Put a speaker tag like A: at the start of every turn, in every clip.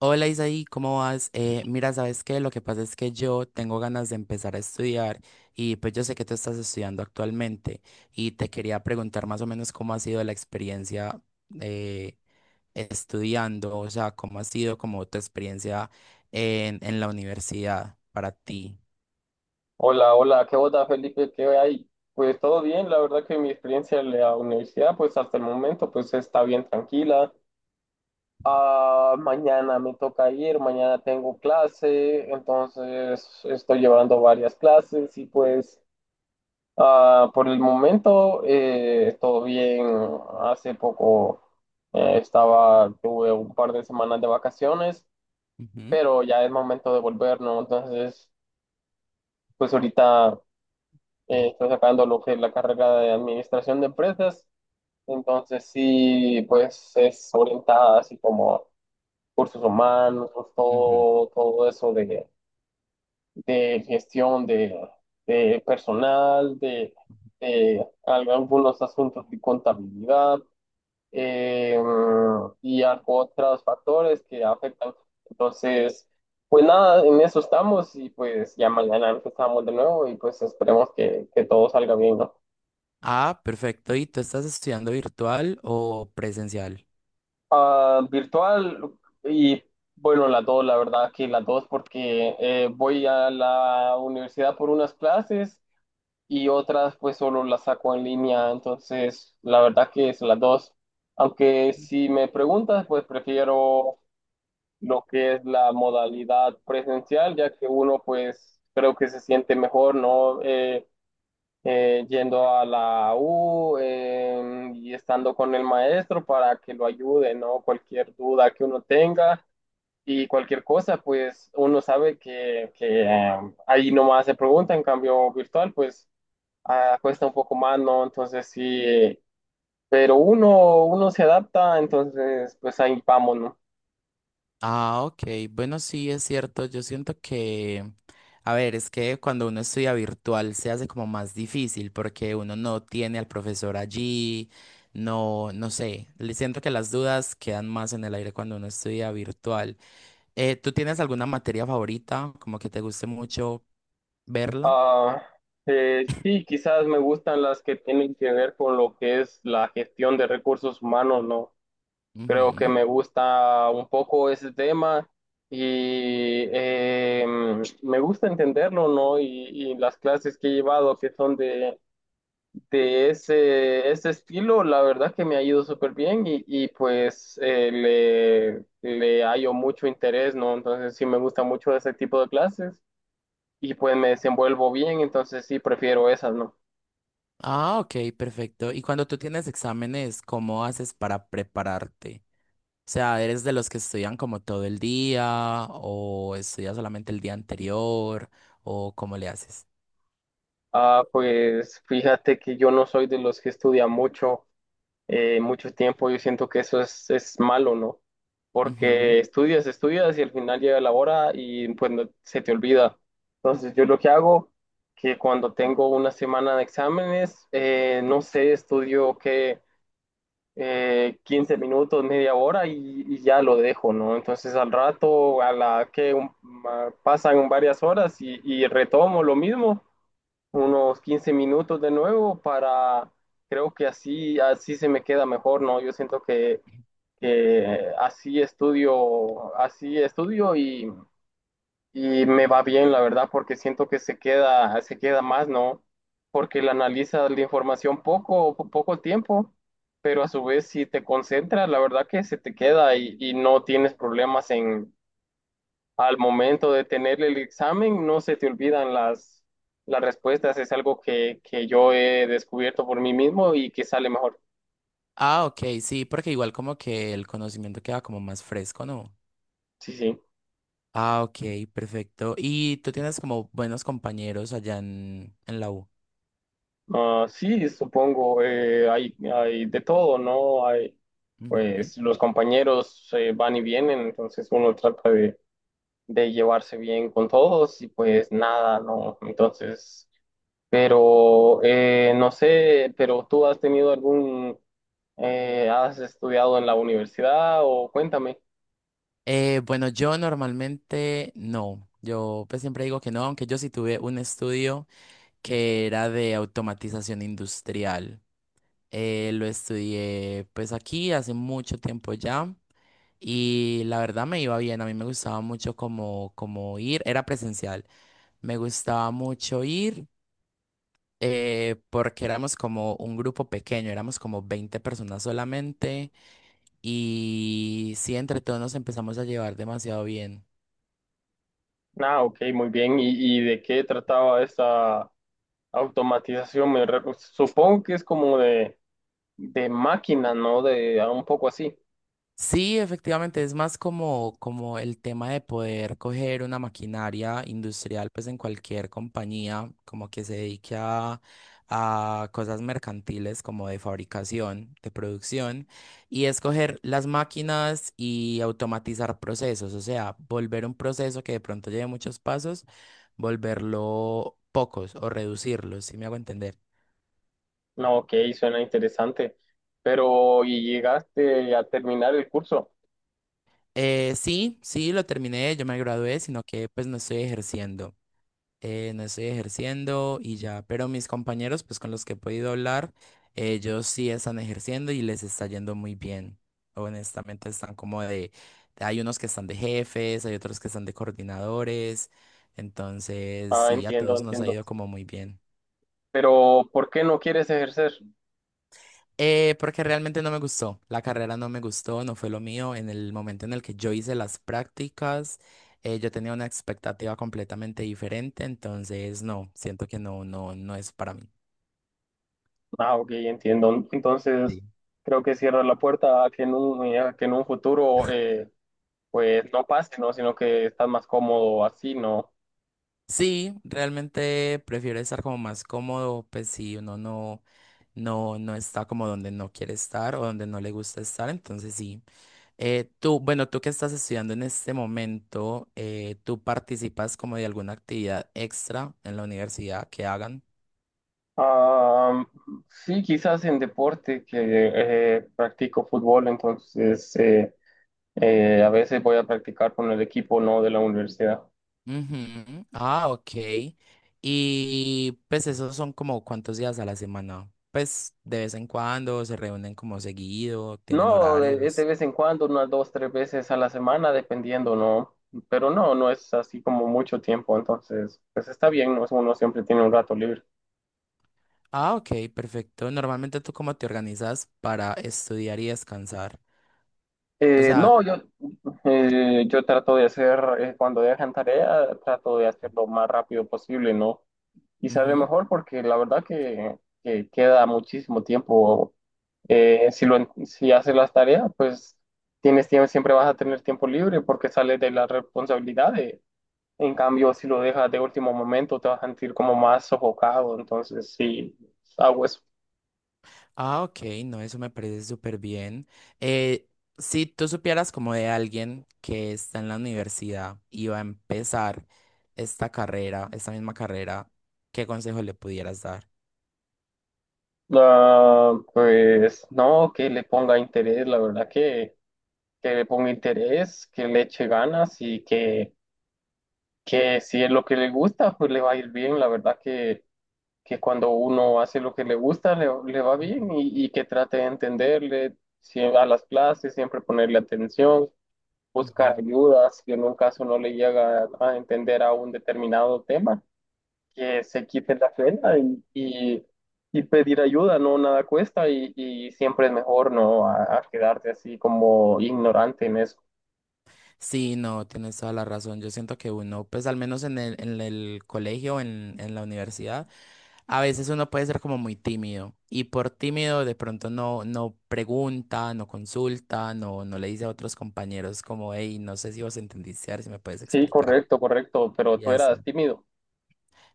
A: Hola Isaí, ¿cómo vas? Mira, ¿sabes qué? Lo que pasa es que yo tengo ganas de empezar a estudiar y pues yo sé que tú estás estudiando actualmente y te quería preguntar más o menos cómo ha sido la experiencia eh, estudiando, o sea, cómo ha sido como tu experiencia en la universidad para ti.
B: Hola, hola, ¿qué onda, Felipe? ¿Qué hay? Pues todo bien, la verdad que mi experiencia en la universidad, pues hasta el momento, pues está bien tranquila. Ah, mañana me toca ir, mañana tengo clase, entonces estoy llevando varias clases y pues por el momento todo bien. Hace poco estaba, tuve un par de semanas de vacaciones,
A: Ujú.
B: pero ya es momento de volver, ¿no? Entonces, pues ahorita... está sacando lo que es la carrera de administración de empresas, entonces sí, pues es orientada así como cursos humanos, pues,
A: Ujú.
B: todo eso de gestión de personal, de, de algunos asuntos de contabilidad eh, y algo otros factores que afectan. Entonces, pues nada, en eso estamos y pues ya mañana empezamos de nuevo y pues esperemos que todo salga bien, ¿no?
A: Ah, perfecto. ¿Y tú estás estudiando virtual o presencial?
B: Ah, virtual y bueno, las dos, la verdad que las dos porque voy a la universidad por unas clases y otras pues solo las saco en línea, entonces la verdad que es las dos. Aunque si me preguntas, pues prefiero lo que es la modalidad presencial, ya que uno pues creo que se siente mejor, ¿no? Yendo a la U y estando con el maestro para que lo ayude, ¿no? Cualquier duda que uno tenga y cualquier cosa, pues uno sabe que ahí nomás se pregunta, en cambio virtual, pues cuesta un poco más, ¿no? Entonces sí, pero uno se adapta, entonces pues ahí vamos, ¿no?
A: Ah, ok. Bueno, sí, es cierto. Yo siento que, a ver, es que cuando uno estudia virtual se hace como más difícil porque uno no tiene al profesor allí, no sé. Le siento que las dudas quedan más en el aire cuando uno estudia virtual. ¿Tú tienes alguna materia favorita, como que te guste mucho verla?
B: Ah, sí, quizás me gustan las que tienen que ver con lo que es la gestión de recursos humanos, ¿no? Creo que
A: Ujú.
B: me gusta un poco ese tema y me gusta entenderlo, ¿no? Y las clases que he llevado que son de ese, ese estilo, la verdad que me ha ido súper bien y pues le, le hallo mucho interés, ¿no? Entonces sí me gusta mucho ese tipo de clases y pues me desenvuelvo bien, entonces sí prefiero esas, ¿no?
A: Ah, ok, perfecto. ¿Y cuando tú tienes exámenes, cómo haces para prepararte? O sea, ¿eres de los que estudian como todo el día o estudias solamente el día anterior o cómo le haces?
B: Ah, pues fíjate que yo no soy de los que estudia mucho. Mucho tiempo, yo siento que eso es malo, ¿no?
A: Ujú.
B: Porque estudias, estudias y al final llega la hora y pues se te olvida. Entonces yo lo que hago, que cuando tengo una semana de exámenes, no sé, estudio que 15 minutos, media hora y ya lo dejo, ¿no? Entonces al rato, a la que pasan varias horas y retomo lo mismo unos 15 minutos de nuevo para, creo que así, así se me queda mejor, ¿no? Yo siento que así estudio y me va bien, la verdad, porque siento que se queda más, ¿no? Porque la analiza la información poco, poco tiempo, pero a su vez si te concentras, la verdad que se te queda y no tienes problemas al momento de tener el examen no se te olvidan las respuestas. Es algo que yo he descubierto por mí mismo y que sale mejor.
A: Ah, ok, sí, porque igual como que el conocimiento queda como más fresco, ¿no?
B: Sí, sí.
A: Ah, ok, perfecto. ¿Y tú tienes como buenos compañeros allá en la U?
B: Ah, sí, supongo, hay, hay de todo, ¿no? Hay,
A: Ujú.
B: pues los compañeros van y vienen, entonces uno trata de llevarse bien con todos y pues nada, ¿no? Entonces, pero no sé, pero tú has tenido algún, has estudiado en la universidad o cuéntame.
A: Bueno, yo normalmente no. Yo pues siempre digo que no, aunque yo sí tuve un estudio que era de automatización industrial. Lo estudié pues aquí hace mucho tiempo ya y la verdad me iba bien, a mí me gustaba mucho como, como ir, era presencial, me gustaba mucho ir porque éramos como un grupo pequeño, éramos como 20 personas solamente y sí, entre todos nos empezamos a llevar demasiado bien.
B: Ah, ok, muy bien. Y de qué trataba esta automatización? Supongo que es como de máquina, ¿no? De ah, un poco así.
A: Sí, efectivamente, es más como, como el tema de poder coger una maquinaria industrial, pues en cualquier compañía, como que se dedique a cosas mercantiles como de fabricación, de producción, y escoger las máquinas y automatizar procesos, o sea, volver un proceso que de pronto lleve muchos pasos, volverlo pocos o reducirlos, si me hago entender.
B: No, ok, suena interesante. Pero, ¿y llegaste a terminar el curso?
A: Sí, sí, lo terminé, yo me gradué, sino que pues no estoy ejerciendo. No estoy ejerciendo y ya, pero mis compañeros, pues con los que he podido hablar, ellos sí están ejerciendo y les está yendo muy bien. Honestamente, están como de, hay unos que están de jefes, hay otros que están de coordinadores, entonces
B: Ah,
A: sí, a
B: entiendo,
A: todos nos ha
B: entiendo.
A: ido como muy bien.
B: Pero, ¿por qué no quieres ejercer?
A: Porque realmente no me gustó, la carrera no me gustó, no fue lo mío. En el momento en el que yo hice las prácticas, yo tenía una expectativa completamente diferente, entonces no, siento que no es para mí.
B: Ah, ok, entiendo. Entonces, creo que cierra la puerta a que en un, a que en un futuro, pues, no pase, ¿no? Sino que estás más cómodo así, ¿no?
A: Sí, realmente prefiero estar como más cómodo, pues si uno no, no está como donde no quiere estar o donde no le gusta estar, entonces sí. Tú, bueno, tú que estás estudiando en este momento, ¿tú participas como de alguna actividad extra en la universidad que hagan?
B: Ah, sí, quizás en deporte, que practico fútbol, entonces a veces voy a practicar con el equipo no de la universidad.
A: Ujú. Ah, ok. Y pues esos son como cuántos días a la semana. Pues de vez en cuando se reúnen como seguido, tienen
B: No, de
A: horarios.
B: vez en cuando, unas dos, tres veces a la semana, dependiendo, ¿no? Pero no, no es así como mucho tiempo, entonces, pues está bien, ¿no? Uno siempre tiene un rato libre.
A: Ah, ok, perfecto. Normalmente tú cómo te organizas para estudiar y descansar. O sea,
B: No, yo, yo trato de hacer, cuando dejan tarea, trato de hacerlo lo más rápido posible, ¿no? Y sale
A: ujú.
B: mejor porque la verdad que queda muchísimo tiempo. Si haces las tareas, pues tienes tiempo, siempre vas a tener tiempo libre porque sales de las responsabilidades. En cambio, si lo dejas de último momento, te vas a sentir como más sofocado. Entonces, sí, hago eso.
A: Ah, ok, no, eso me parece súper bien. Eh, si tú supieras como de alguien que está en la universidad y va a empezar esta carrera, esta misma carrera, ¿qué consejo le pudieras dar?
B: Ah, pues no, que le ponga interés, la verdad que le ponga interés, que le eche ganas y que si es lo que le gusta, pues le va a ir bien. La verdad que cuando uno hace lo que le gusta, le va bien y que trate de entenderle a las clases, siempre ponerle atención, buscar
A: Ujú.
B: ayudas, si en un caso no le llega a entender a un determinado tema, que se quite la pena y pedir ayuda, no nada cuesta y siempre es mejor no a quedarte así como ignorante en eso.
A: Sí, no, tienes toda la razón. Yo siento que uno, pues al menos en el colegio, en la universidad, a veces uno puede ser como muy tímido y por tímido de pronto no, no pregunta, no consulta, no le dice a otros compañeros como, hey, no sé si vos entendiste, a ver si me puedes
B: Sí,
A: explicar.
B: correcto, correcto, pero
A: Y
B: tú eras
A: así.
B: tímido.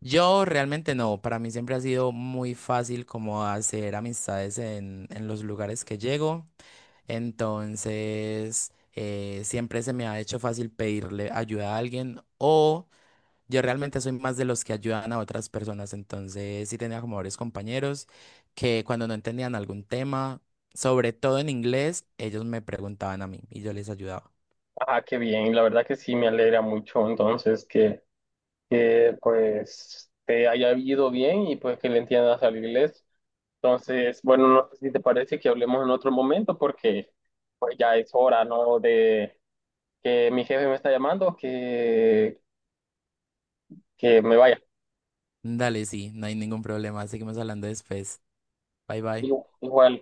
A: Yo realmente no, para mí siempre ha sido muy fácil como hacer amistades en los lugares que llego. Entonces, siempre se me ha hecho fácil pedirle ayuda a alguien o yo realmente soy más de los que ayudan a otras personas. Entonces, sí tenía como varios compañeros que cuando no entendían algún tema, sobre todo en inglés, ellos me preguntaban a mí y yo les ayudaba.
B: Ah, qué bien, la verdad que sí me alegra mucho entonces que pues te haya ido bien y pues que le entiendas al inglés. Entonces, bueno, no sé si te parece que hablemos en otro momento porque pues ya es hora, ¿no? De que mi jefe me está llamando, que me vaya.
A: Dale, sí, no hay ningún problema. Seguimos hablando después. Bye bye.
B: Igual.